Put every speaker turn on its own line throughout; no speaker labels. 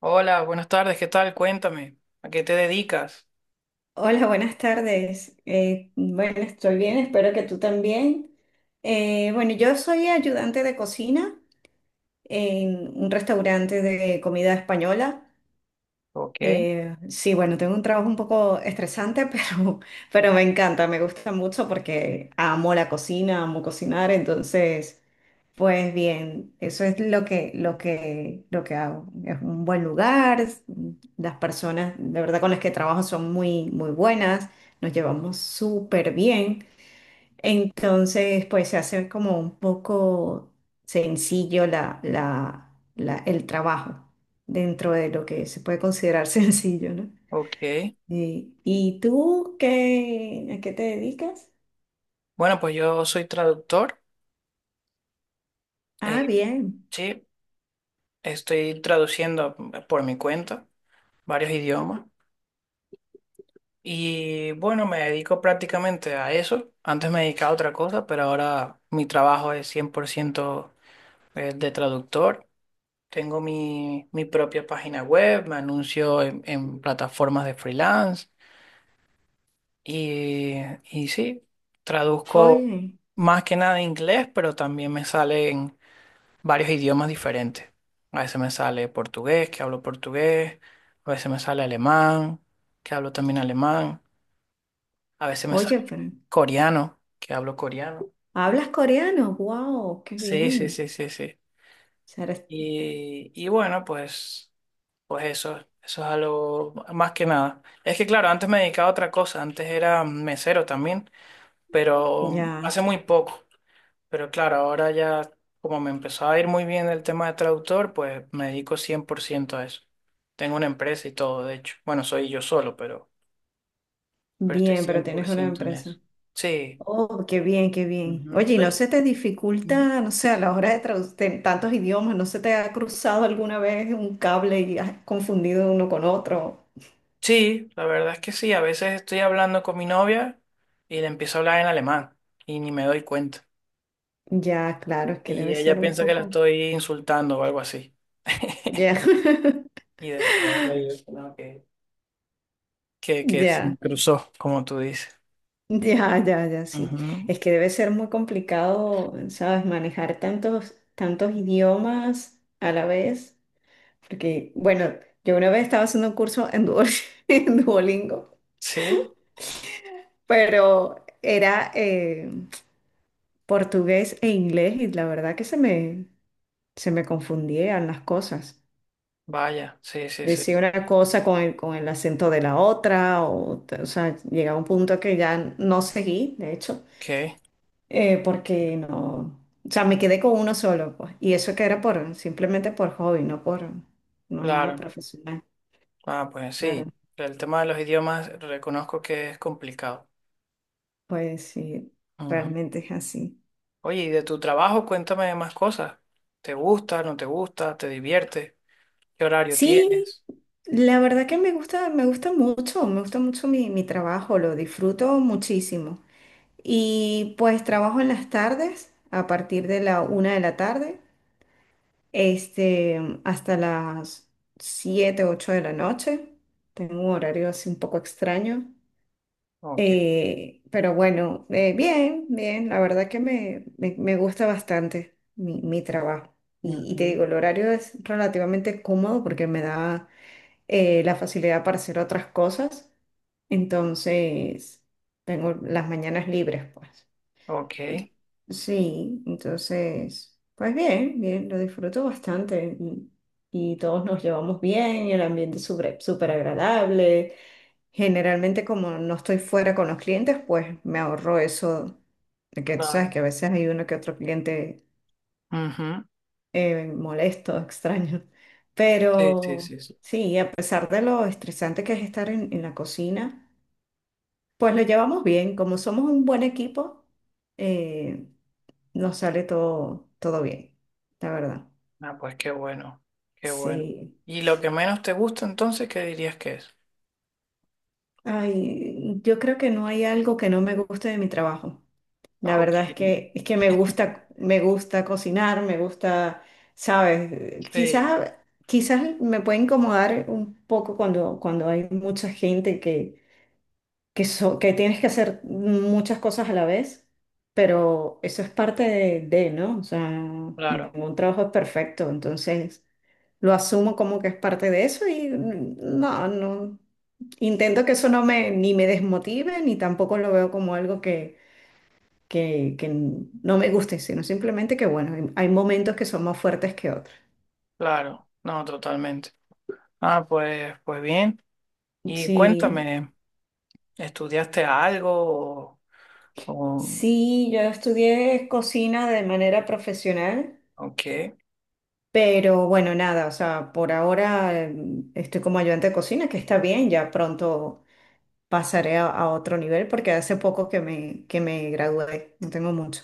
Hola, buenas tardes, ¿qué tal? Cuéntame, ¿a qué te dedicas?
Hola, buenas tardes. Bueno, Estoy bien, espero que tú también. Bueno, yo soy ayudante de cocina en un restaurante de comida española.
Ok,
Sí, bueno, tengo un trabajo un poco estresante, pero me encanta, me gusta mucho porque amo la cocina, amo cocinar, entonces... Pues bien, eso es lo que hago. Es un buen lugar, las personas de verdad con las que trabajo son muy, muy buenas, nos llevamos súper bien. Entonces, pues se hace como un poco sencillo el trabajo dentro de lo que se puede considerar sencillo, ¿no?
ok.
Sí. ¿Y tú qué, a qué te dedicas?
Bueno, pues yo soy traductor,
Ah,
eh,
bien.
sí, estoy traduciendo por mi cuenta varios idiomas y bueno, me dedico prácticamente a eso. Antes me dedicaba a otra cosa, pero ahora mi trabajo es 100% de traductor. Tengo mi propia página web, me anuncio en plataformas de freelance. Y, y sí, traduzco
Oye,
más que nada inglés, pero también me salen varios idiomas diferentes. A veces me sale portugués, que hablo portugués, a veces me sale alemán, que hablo también alemán, a veces me
oye,
sale
pero...
coreano, que hablo coreano.
¿Hablas coreano? ¡Wow! ¡Qué
Sí, sí, sí,
bien!
sí, sí.
O sea,
Y bueno, pues eso es algo más que nada. Es que claro, antes me dedicaba a otra cosa, antes era mesero también, pero
ya,
hace muy poco. Pero claro, ahora ya como me empezó a ir muy bien el tema de traductor, pues me dedico 100% a eso. Tengo una empresa y todo, de hecho. Bueno, soy yo solo, pero estoy
bien,
cien
pero
por
tienes una
ciento en
empresa.
eso. Sí.
Oh, qué bien, qué bien.
Ujú.
Oye, ¿y no
Ay,
se te
mm,
dificulta, no sé, a la hora de traducir tantos idiomas, no se te ha cruzado alguna vez un cable y has confundido uno con otro?
Sí, la verdad es que sí. A veces estoy hablando con mi novia y le empiezo a hablar en alemán y ni me doy cuenta.
Ya, claro, es que
Y
debe
ella
ser un
piensa que la
poco.
estoy insultando o algo así.
Ya,
Y después le digo, no, que se me
ya,
cruzó, como tú dices.
ya, ya, ya, sí.
Ujú.
Es que debe ser muy complicado, ¿sabes? Manejar tantos, tantos idiomas a la vez. Porque, bueno, yo una vez estaba haciendo un curso en en Duolingo,
Sí.
pero era portugués e inglés y la verdad que se me confundían las cosas.
Vaya, sí, sí, sí.
Decía una cosa con con el acento de la otra, o sea, llegaba un punto que ya no seguí, de hecho,
Ok,
porque no, o sea, me quedé con uno solo, pues, y eso que era simplemente por hobby, no nada
claro.
profesional,
Ah, pues sí.
claro,
El tema de los idiomas reconozco que es complicado.
pues sí,
Ujú.
realmente es así.
Oye, y de tu trabajo, cuéntame más cosas. ¿Te gusta, no te gusta, te divierte? ¿Qué horario
Sí,
tienes?
la verdad que me gusta mucho mi trabajo, lo disfruto muchísimo. Y pues trabajo en las tardes, a partir de la una de la tarde, este, hasta las siete, ocho de la noche. Tengo un horario así un poco extraño.
Ok.
Pero bueno, bien, bien, la verdad que me gusta bastante mi trabajo. Y te
Ujú.
digo, el horario es relativamente cómodo porque me da la facilidad para hacer otras cosas. Entonces, tengo las mañanas libres, pues.
Ok,
Y- sí, entonces, pues bien, bien, lo disfruto bastante. Y todos nos llevamos bien, y el ambiente es súper súper agradable. Generalmente, como no estoy fuera con los clientes, pues me ahorro eso. De Que tú sabes
claro.
que a veces hay uno que otro cliente
Ujú.
molesto, extraño.
Sí, sí,
Pero
sí, sí.
sí, a pesar de lo estresante que es estar en la cocina, pues lo llevamos bien. Como somos un buen equipo, eh, nos sale todo, todo bien, la verdad.
Ah, pues qué bueno, qué bueno.
Sí.
¿Y lo que menos te gusta entonces, qué dirías que es?
Ay, yo creo que no hay algo que no me guste de mi trabajo. La
Ok,
verdad es que me gusta cocinar, me gusta, ¿sabes?
sí,
Quizás me puede incomodar un poco cuando, cuando hay mucha gente que tienes que hacer muchas cosas a la vez, pero eso es parte ¿no? O sea,
claro,
ningún trabajo es perfecto, entonces lo asumo como que es parte de eso y no, no, intento que eso no me, ni me desmotive, ni tampoco lo veo como algo que no me guste, sino simplemente que, bueno, hay momentos que son más fuertes que otros.
claro, no, totalmente. Ah, pues bien. Y
Sí,
cuéntame, ¿estudiaste algo o,
sí, yo estudié cocina de manera profesional.
o qué?
Pero bueno, nada, o sea, por ahora estoy como ayudante de cocina, que está bien, ya pronto pasaré a otro nivel porque hace poco que me gradué, no tengo mucho.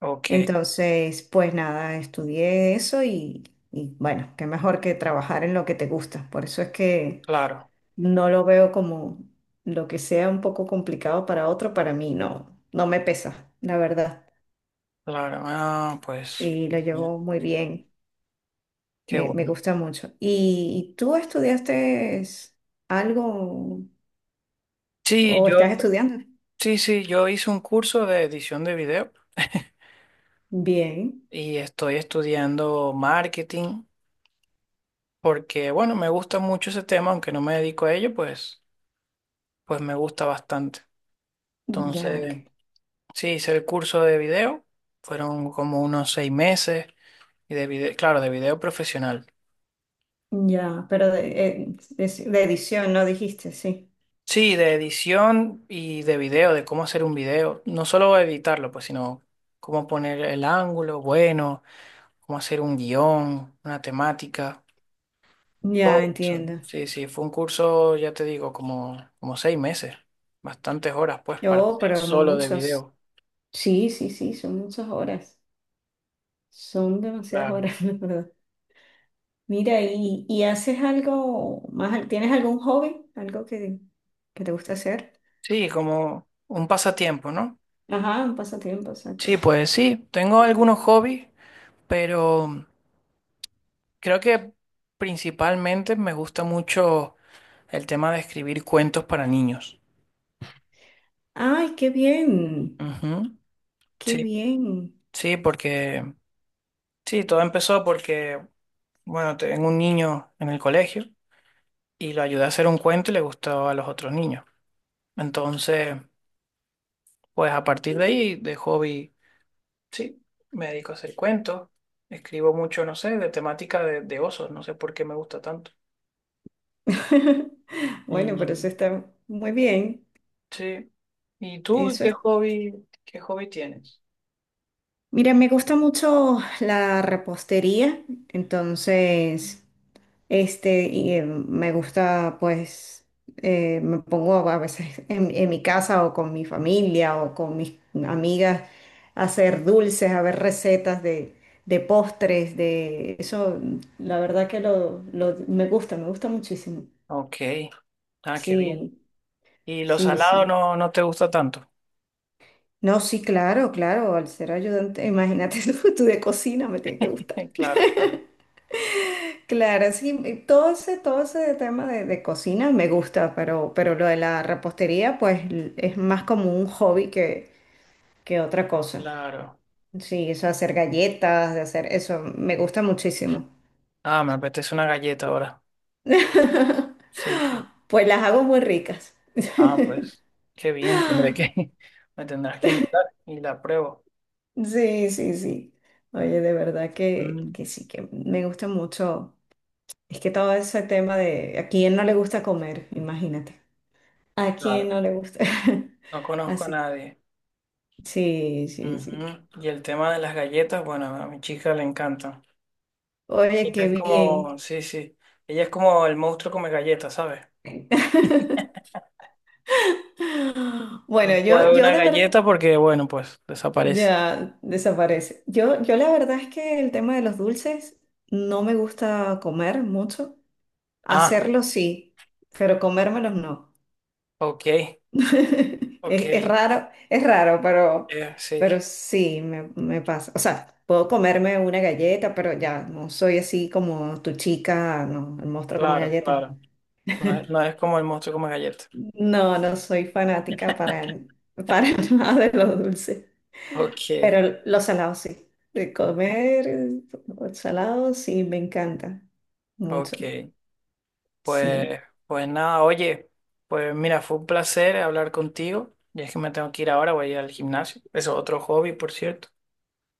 Ok,
Entonces, pues nada, estudié eso y bueno, qué mejor que trabajar en lo que te gusta. Por eso es que
claro,
no lo veo como lo que sea un poco complicado para otro, para mí no, no me pesa, la verdad.
claro. Ah, pues,
Sí, lo
bien,
llevo muy bien.
qué
Me
bueno.
gusta mucho. Y tú estudiaste algo o
Sí,
estás estudiando?
sí, sí, yo hice un curso de edición de video
Bien,
y estoy estudiando marketing porque, bueno, me gusta mucho ese tema, aunque no me dedico a ello, pues me gusta bastante.
ya,
Entonces, sí, hice el curso de video, fueron como unos seis meses y de video, claro, de video profesional.
ya, pero de edición, ¿no dijiste? Sí,
Sí, de edición y de video, de cómo hacer un video. No solo editarlo, pues, sino cómo poner el ángulo bueno, cómo hacer un guión, una temática, todo
ya
eso.
entiendo.
Sí, sí, fue un curso, ya te digo, como seis meses, bastantes horas, pues, para
Yo,
hacer
pero
solo de
muchas,
video.
sí, sí, sí, son muchas horas, son demasiadas
Claro.
horas, la verdad. Mira, y haces algo más? ¿Tienes algún hobby? ¿Algo que te gusta hacer?
Sí, como un pasatiempo, ¿no?
Ajá, un pasatiempo,
Sí,
exacto.
pues sí, tengo algunos hobbies, pero creo que principalmente me gusta mucho el tema de escribir cuentos para niños.
Ay, qué bien,
Ujú.
qué
Sí,
bien.
sí, porque sí, todo empezó porque, bueno, tengo un niño en el colegio y lo ayudé a hacer un cuento y le gustó a los otros niños. Entonces, pues a partir de ahí, de hobby, sí, me dedico a hacer cuentos. Escribo mucho, no sé, de temática de, osos, no sé por qué me gusta tanto.
Bueno, pero eso
Y,
está muy bien.
sí. ¿Y tú
Eso
qué
es.
hobby, qué hobby tienes?
Mira, me gusta mucho la repostería, entonces, este, me gusta, pues, me pongo a veces en mi casa o con mi familia o con mis amigas a hacer dulces, a ver recetas de postres, de eso, la verdad que me gusta muchísimo.
Ok. Ah, qué bien.
Sí,
¿Y lo
sí,
salado
sí.
no, no te gusta tanto?
No, sí, claro, claro, al ser ayudante, imagínate tú de cocina me tiene que gustar.
Claro, claro,
Claro, sí, y todo ese tema de cocina me gusta, pero lo de la repostería, es más como un hobby que otra cosa.
claro.
Sí, eso de hacer galletas, de hacer eso, me gusta muchísimo.
Ah, me apetece una galleta ahora. Sí, sí.
Pues las hago muy ricas.
Ah, pues, qué bien. Tendré que. Me tendrás que invitar y la pruebo.
Sí, sí, sí. Oye, de verdad
Mm,
que sí, que me gusta mucho. Es que todo ese tema de a quién no le gusta comer, imagínate. A quién
claro,
no le gusta.
no conozco a
Así.
nadie.
Sí, sí, sí.
Ujú. Y el tema de las galletas, bueno, a mi chica le encanta.
Oye,
Ella
qué
es
bien.
como, sí, sí. Ella es como el monstruo come galletas, ¿sabes? No
Bueno,
puede haber
yo
una
de verdad,
galleta porque, bueno, pues desaparece.
ya desaparece. Yo la verdad es que el tema de los dulces no me gusta comer mucho.
Ah,
Hacerlo sí, pero comérmelos no.
ok, ok.
Es raro,
Sí,
pero sí, me pasa. O sea, puedo comerme una galleta, pero ya no soy así como tu chica, no, el monstruo come
claro,
galletas.
claro. No es como el monstruo como galleta.
No, no soy fanática para nada de lo dulce,
Ok,
pero los salados sí. De comer salado sí, me encanta mucho.
ok.
Sí.
Pues, pues nada, oye, pues mira, fue un placer hablar contigo. Y es que me tengo que ir ahora, voy a ir al gimnasio. Eso es otro hobby, por cierto.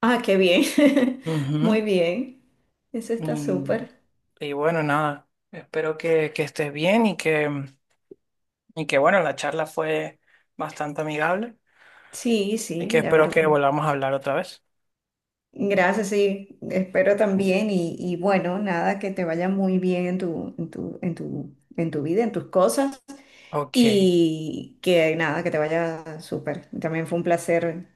Ah, qué bien. Muy
Ujú.
bien. Eso está
Mm,
súper.
Y, bueno, nada, espero que estés bien y que, bueno, la charla fue bastante amigable
Sí,
y
sí,
que
la
espero que
verdad.
volvamos a hablar otra vez.
Gracias, sí, espero también y bueno, nada, que te vaya muy bien en tu, en tu, en tu, en tu vida, en tus cosas
Ok,
y que nada, que te vaya súper. También fue un placer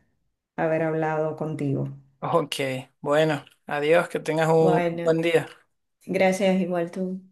haber hablado contigo.
ok. Bueno, adiós, que tengas un
Bueno,
buen día.
gracias igual tú.